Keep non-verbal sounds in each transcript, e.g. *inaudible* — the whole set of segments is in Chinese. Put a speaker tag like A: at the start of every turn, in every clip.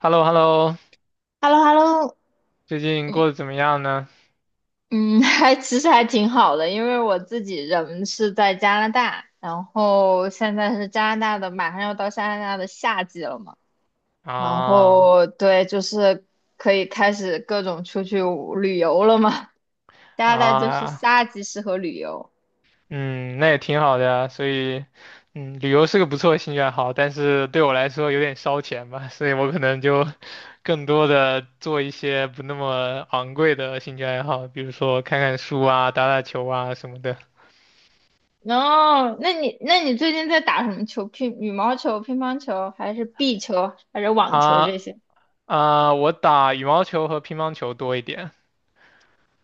A: h e l l o h e l l o
B: h e l l o h e l l o。
A: 最近
B: 嗯
A: 过得怎么样呢？
B: 嗯，*laughs* 还其实还挺好的，因为我自己人是在加拿大，然后现在是加拿大的，马上要到加拿大的夏季了嘛，然
A: 啊
B: 后对，就是可以开始各种出去旅游了嘛。加拿大就是
A: 啊，
B: 夏季适合旅游。
A: 嗯，那也挺好的呀。所以，旅游是个不错的兴趣爱好，但是对我来说有点烧钱吧，所以我可能就更多的做一些不那么昂贵的兴趣爱好，比如说看看书啊、打打球啊什么的。
B: 哦，那你最近在打什么球？乒羽毛球、乒乓球，还是壁球，还是网球这
A: 啊
B: 些？
A: 我打羽毛球和乒乓球多一点。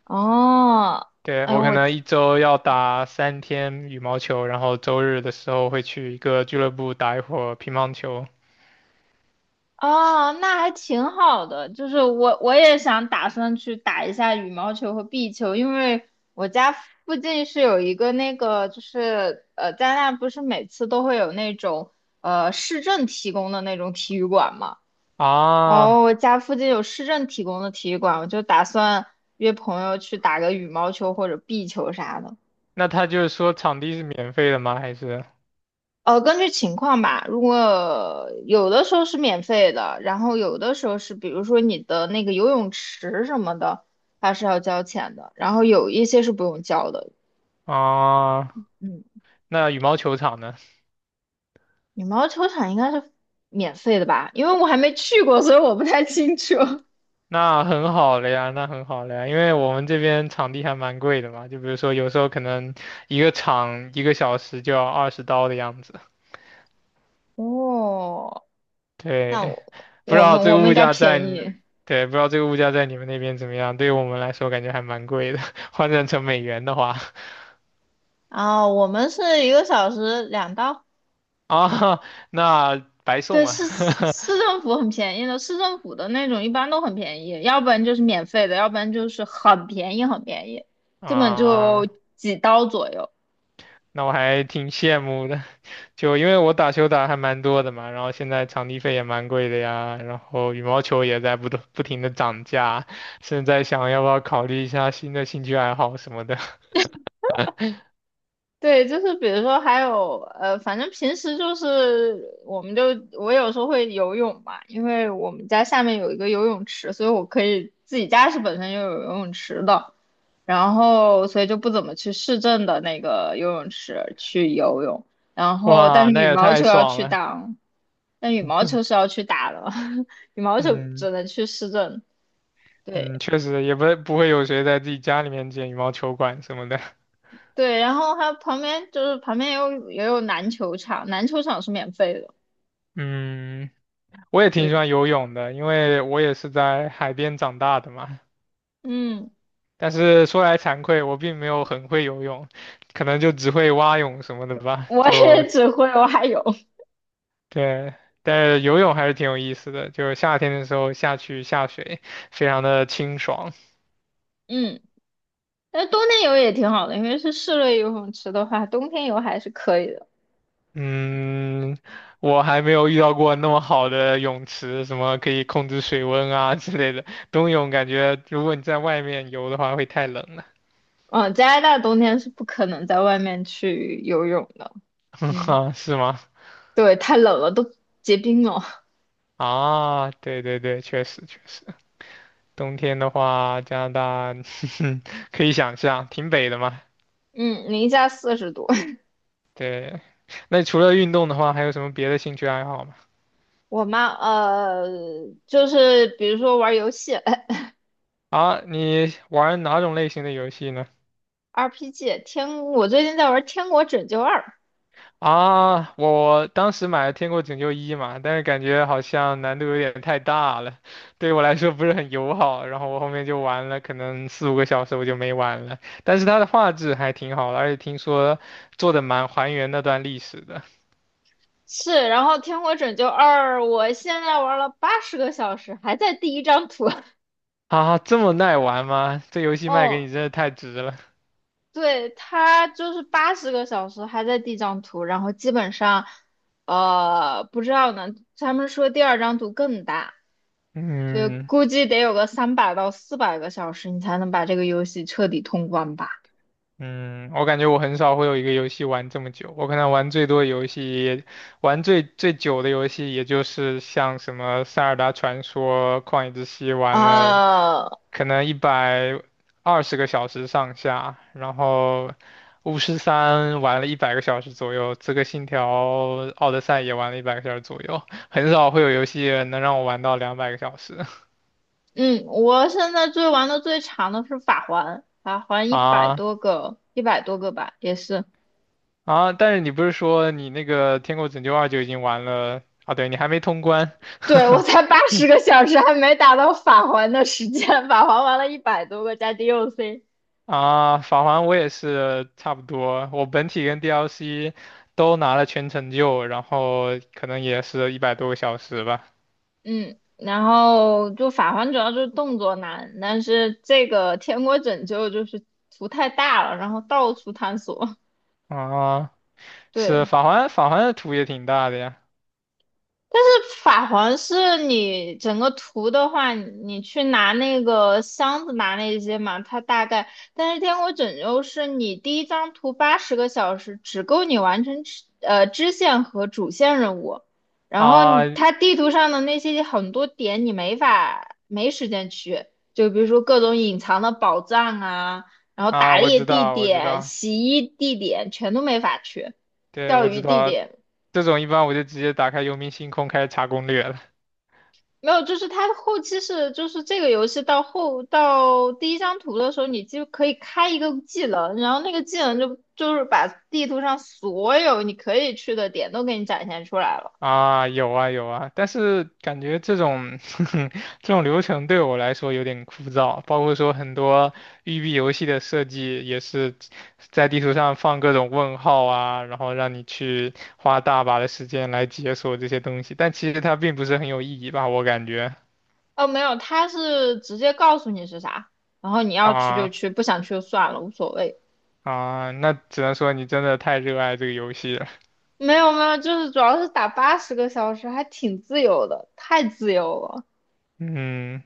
B: 哦，
A: 对，
B: 哎，
A: 我可能一周要打3天羽毛球，然后周日的时候会去一个俱乐部打一会儿乒乓球。
B: 哦，那还挺好的。就是我也想打算去打一下羽毛球和壁球，因为我家附近是有一个那个，就是加拿大不是每次都会有那种市政提供的那种体育馆嘛。
A: 啊，
B: 哦，我家附近有市政提供的体育馆，我就打算约朋友去打个羽毛球或者壁球啥的。
A: 那他就是说场地是免费的吗？还是
B: 根据情况吧。如果有的时候是免费的，然后有的时候是，比如说你的那个游泳池什么的，它是要交钱的。然后有一些是不用交的。
A: 啊？
B: 嗯，
A: 那羽毛球场呢？
B: 羽毛球场应该是免费的吧？因为我还没去过，所以我不太清楚。*laughs*
A: 那很好了呀，那很好了呀，因为我们这边场地还蛮贵的嘛，就比如说有时候可能一个场一个小时就要20刀的样子。
B: 哦，那
A: 对，
B: 我
A: 不知
B: 我
A: 道
B: 们
A: 这
B: 我
A: 个
B: 们
A: 物
B: 应该
A: 价在
B: 便宜
A: 你对，不知道这个物价在你们那边怎么样？对于我们来说，感觉还蛮贵的，*laughs* 换算成美元的话，
B: 啊，我们是1个小时2刀。
A: *laughs* 啊，那白
B: 对，
A: 送啊，
B: 市政府很便宜的，市政府的那种一般都很便宜，要不然就是免费的，要不然就是很便宜很便宜，
A: *laughs*
B: 基本就
A: 啊，
B: 几刀左右。
A: 那我还挺羡慕的，就因为我打球打还蛮多的嘛，然后现在场地费也蛮贵的呀，然后羽毛球也在不断不停的涨价，现在想要不要考虑一下新的兴趣爱好什么的，
B: 对，就是比如说还有反正平时就是我们就我有时候会游泳嘛，因为我们家下面有一个游泳池，所以我可以自己家是本身就有游泳池的，然后所以就不怎么去市政的那个游泳池去游泳，然
A: *laughs*
B: 后但
A: 哇，
B: 是
A: 那
B: 羽
A: 也
B: 毛
A: 太
B: 球要
A: 爽
B: 去
A: 了，
B: 打哦，但羽毛球是要
A: *laughs*
B: 去打的。*laughs* 羽毛球
A: 嗯。
B: 只能去市政。
A: 嗯，
B: 对
A: 确实也不会有谁在自己家里面建羽毛球馆什么的。*laughs*
B: 对，然后还有旁边就是旁边也有也有篮球场，篮球场是免费的。
A: 嗯，我也挺喜
B: 对。
A: 欢游泳的，因为我也是在海边长大的嘛。
B: 嗯，
A: 但是说来惭愧，我并没有很会游泳，可能就只会蛙泳什么的吧。
B: 我也只会蛙泳。
A: 对，但是游泳还是挺有意思的，就是夏天的时候下去下水，非常的清爽。
B: 嗯，但冬天游也挺好的，因为是室内游泳池的话，冬天游还是可以的。
A: 嗯，我还没有遇到过那么好的泳池，什么可以控制水温啊 *laughs* 之类的。冬泳感觉如果你在外面游的话会太冷了，
B: 嗯，加拿大冬天是不可能在外面去游泳的。
A: *laughs*
B: 嗯，
A: 啊，是吗？
B: 对，太冷了，都结冰了。*laughs*
A: 啊，对对对，确实确实，冬天的话，加拿大 *laughs* 可以想象，挺北的嘛。
B: 嗯，零下40度。*laughs*
A: 对，那除了运动的话，还有什么别的兴趣爱好吗？
B: 我妈呃，就是比如说玩游戏。 *laughs*
A: 啊，你玩哪种类型的游戏呢？
B: RPG 天，我最近在玩《天国拯救二》。
A: 啊，我当时买了《天国拯救一》嘛，但是感觉好像难度有点太大了，对我来说不是很友好。然后我后面就玩了，可能四五个小时我就没玩了。但是它的画质还挺好的，而且听说做的蛮还原那段历史的。
B: 是，然后《天国拯救二》，我现在玩了八十个小时，还在第一张图。
A: 啊，这么耐玩吗？这游
B: *laughs*
A: 戏卖给你
B: 哦，
A: 真的太值了。
B: 对，他就是八十个小时还在第一张图，然后基本上，不知道呢。他们说第二张图更大，所以
A: 嗯。
B: 估计得有个300到400个小时，你才能把这个游戏彻底通关吧？
A: 嗯，我感觉我很少会有一个游戏玩这么久，我可能玩最最久的游戏也就是像什么《塞尔达传说》《旷野之息》玩了
B: 啊、
A: 可能120个小时上下，然后《巫师三》玩了一百个小时左右，《刺客信条：奥德赛》也玩了一百个小时左右，很少会有游戏能让我玩到200个小时
B: 嗯，我现在最玩的最长的是法环，法
A: *laughs*
B: 环一百
A: 啊。
B: 多个，一百多个吧，也是。
A: 啊，但是你不是说你那个《天国拯救二》就已经玩了啊？对，你还没通关。
B: 对，我
A: *laughs*
B: 才八十个小时，还没达到法环的时间，法环玩了一百多个加 DLC。
A: 啊，法环我也是差不多，我本体跟 DLC 都拿了全成就，然后可能也是100多个小时吧。
B: 嗯，然后就法环主要就是动作难，但是这个天国拯救就是图太大了，然后到处探索。
A: 啊，
B: *laughs*
A: 是
B: 对，
A: 法环，法环的图也挺大的呀。
B: 但是法环是你整个图的话，你去拿那个箱子拿那些嘛，它大概。但是天国拯救是你第一张图八十个小时，只够你完成支线和主线任务。然后
A: 啊
B: 你它地图上的那些很多点你没法没时间去，就比如说各种隐藏的宝藏啊，然后打
A: 我
B: 猎
A: 知
B: 地
A: 道，我知
B: 点、
A: 道，
B: 洗衣地点全都没法去，
A: 对，
B: 钓
A: 我
B: 鱼
A: 知
B: 地
A: 道，
B: 点。
A: 这种一般我就直接打开游民星空开始查攻略了。
B: 没有，就是它后期是，就是这个游戏到后到第一张图的时候，你就可以开一个技能，然后那个技能就是把地图上所有你可以去的点都给你展现出来了。
A: 啊，有啊有啊，但是感觉这种 *laughs* 这种流程对我来说有点枯燥，包括说很多育碧游戏的设计也是在地图上放各种问号啊，然后让你去花大把的时间来解锁这些东西，但其实它并不是很有意义吧，我感觉
B: 哦，没有，它是直接告诉你是啥，然后你要去就
A: 啊
B: 去，不想去就算了，无所谓。
A: 那只能说你真的太热爱这个游戏了，
B: 没有没有，就是主要是打八十个小时，还挺自由的，太自由了。
A: 嗯，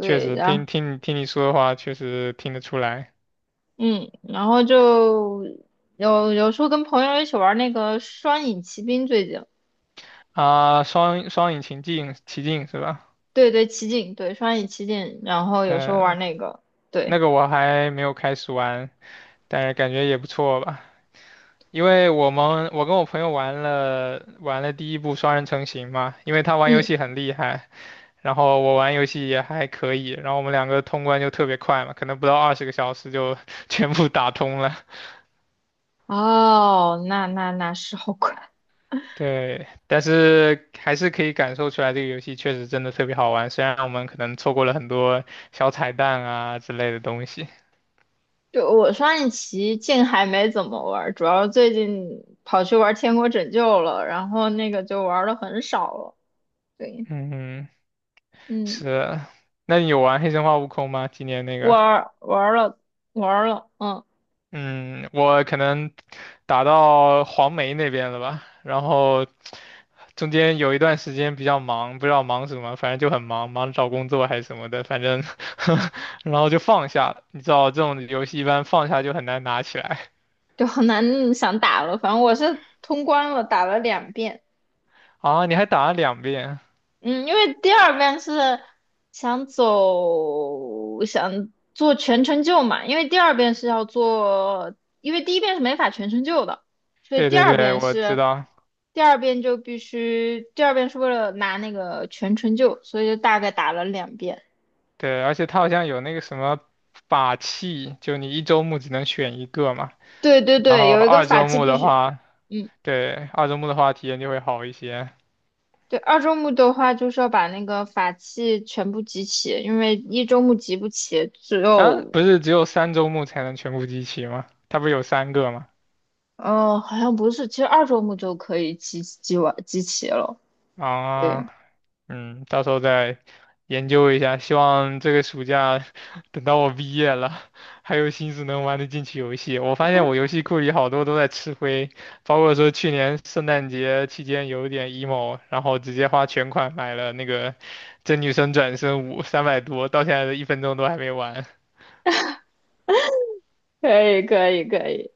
A: 确实
B: 然后
A: 听你说的话，确实听得出来
B: 嗯，然后就有时候跟朋友一起玩那个双影奇兵，最近。
A: 啊，双影奇境是吧？
B: 对对，奇境对，双影奇境，然后有时候玩
A: 嗯，
B: 那个，对，
A: 那个我还没有开始玩，但是感觉也不错吧。因为我跟我朋友玩了第一部双人成行嘛，因为他玩游
B: 嗯，
A: 戏很厉害，然后我玩游戏也还可以，然后我们两个通关就特别快嘛，可能不到二十个小时就 *laughs* 全部打通了。
B: 哦，那是好快。
A: 对，但是还是可以感受出来这个游戏确实真的特别好玩，虽然我们可能错过了很多小彩蛋啊之类的东西。
B: 就我双影奇境还没怎么玩，主要最近跑去玩《天国拯救》了，然后那个就玩的很少了。对，
A: 嗯，
B: 嗯，
A: 是啊。那你有玩《黑神话：悟空》吗？今年那个？
B: 玩玩了玩了，嗯，
A: 嗯，我可能打到黄梅那边了吧，然后中间有一段时间比较忙，不知道忙什么，反正就很忙，忙着找工作还是什么的，反正 *laughs* 然后就放下了。你知道这种游戏一般放下就很难拿起来
B: 就很难想打了。反正我是通关了，打了两遍。
A: *laughs* 啊，你还打了两遍？
B: 嗯，因为第二遍是想走，想做全程救嘛，因为第二遍是要做，因为第一遍是没法全程救的，所以
A: 对
B: 第
A: 对
B: 二
A: 对，
B: 遍
A: 我知
B: 是，
A: 道，
B: 第二遍就必须，第二遍是为了拿那个全程救，所以就大概打了两遍。
A: 对，而且它好像有那个什么法器，就你一周目只能选一个嘛，
B: 对对
A: 然
B: 对，
A: 后
B: 有一个
A: 二
B: 法
A: 周
B: 器
A: 目
B: 必
A: 的
B: 须，
A: 话，
B: 嗯，
A: 对，二周目的话体验就会好一些。
B: 对，二周目的话就是要把那个法器全部集齐，因为一周目集不齐，只
A: 啊，
B: 有
A: 不是只有三周目才能全部集齐吗？它不是有三个吗？
B: 哦，好像不是，其实二周目就可以集齐了。
A: 啊，
B: 对，
A: 嗯，到时候再研究一下，希望这个暑假 *laughs* 等到我毕业了，还有心思能玩得进去游戏。我发现我游戏库里好多都在吃灰，包括说去年圣诞节期间有点 emo，然后直接花全款买了那个《真女神转生五》300多，到现在的一分钟都还没玩。
B: 可以，可以，可以。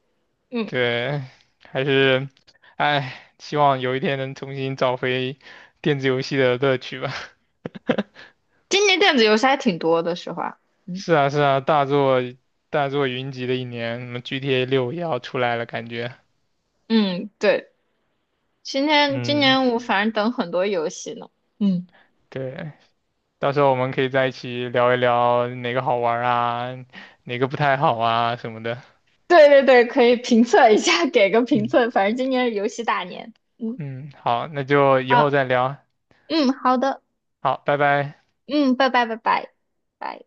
B: 嗯，
A: 对，还是，哎，希望有一天能重新找回电子游戏的乐趣吧。*laughs*
B: 今年电子游戏还挺多的，实话。嗯，
A: 是啊，是啊，大作云集的一年，什么 GTA 6也要出来了，感觉。
B: 嗯，对，今年今
A: 嗯，
B: 年我反正等很多游戏呢。嗯，
A: 对，到时候我们可以在一起聊一聊哪个好玩儿啊，哪个不太好啊什么的。
B: *laughs* 对对对，可以评测一下，*laughs* 给个评
A: 嗯
B: 测。反正今年是游戏大年。嗯，
A: 嗯，好，那就以后
B: 好，
A: 再聊。
B: 嗯，好的，
A: 好，拜拜。
B: 嗯，拜拜拜拜。拜。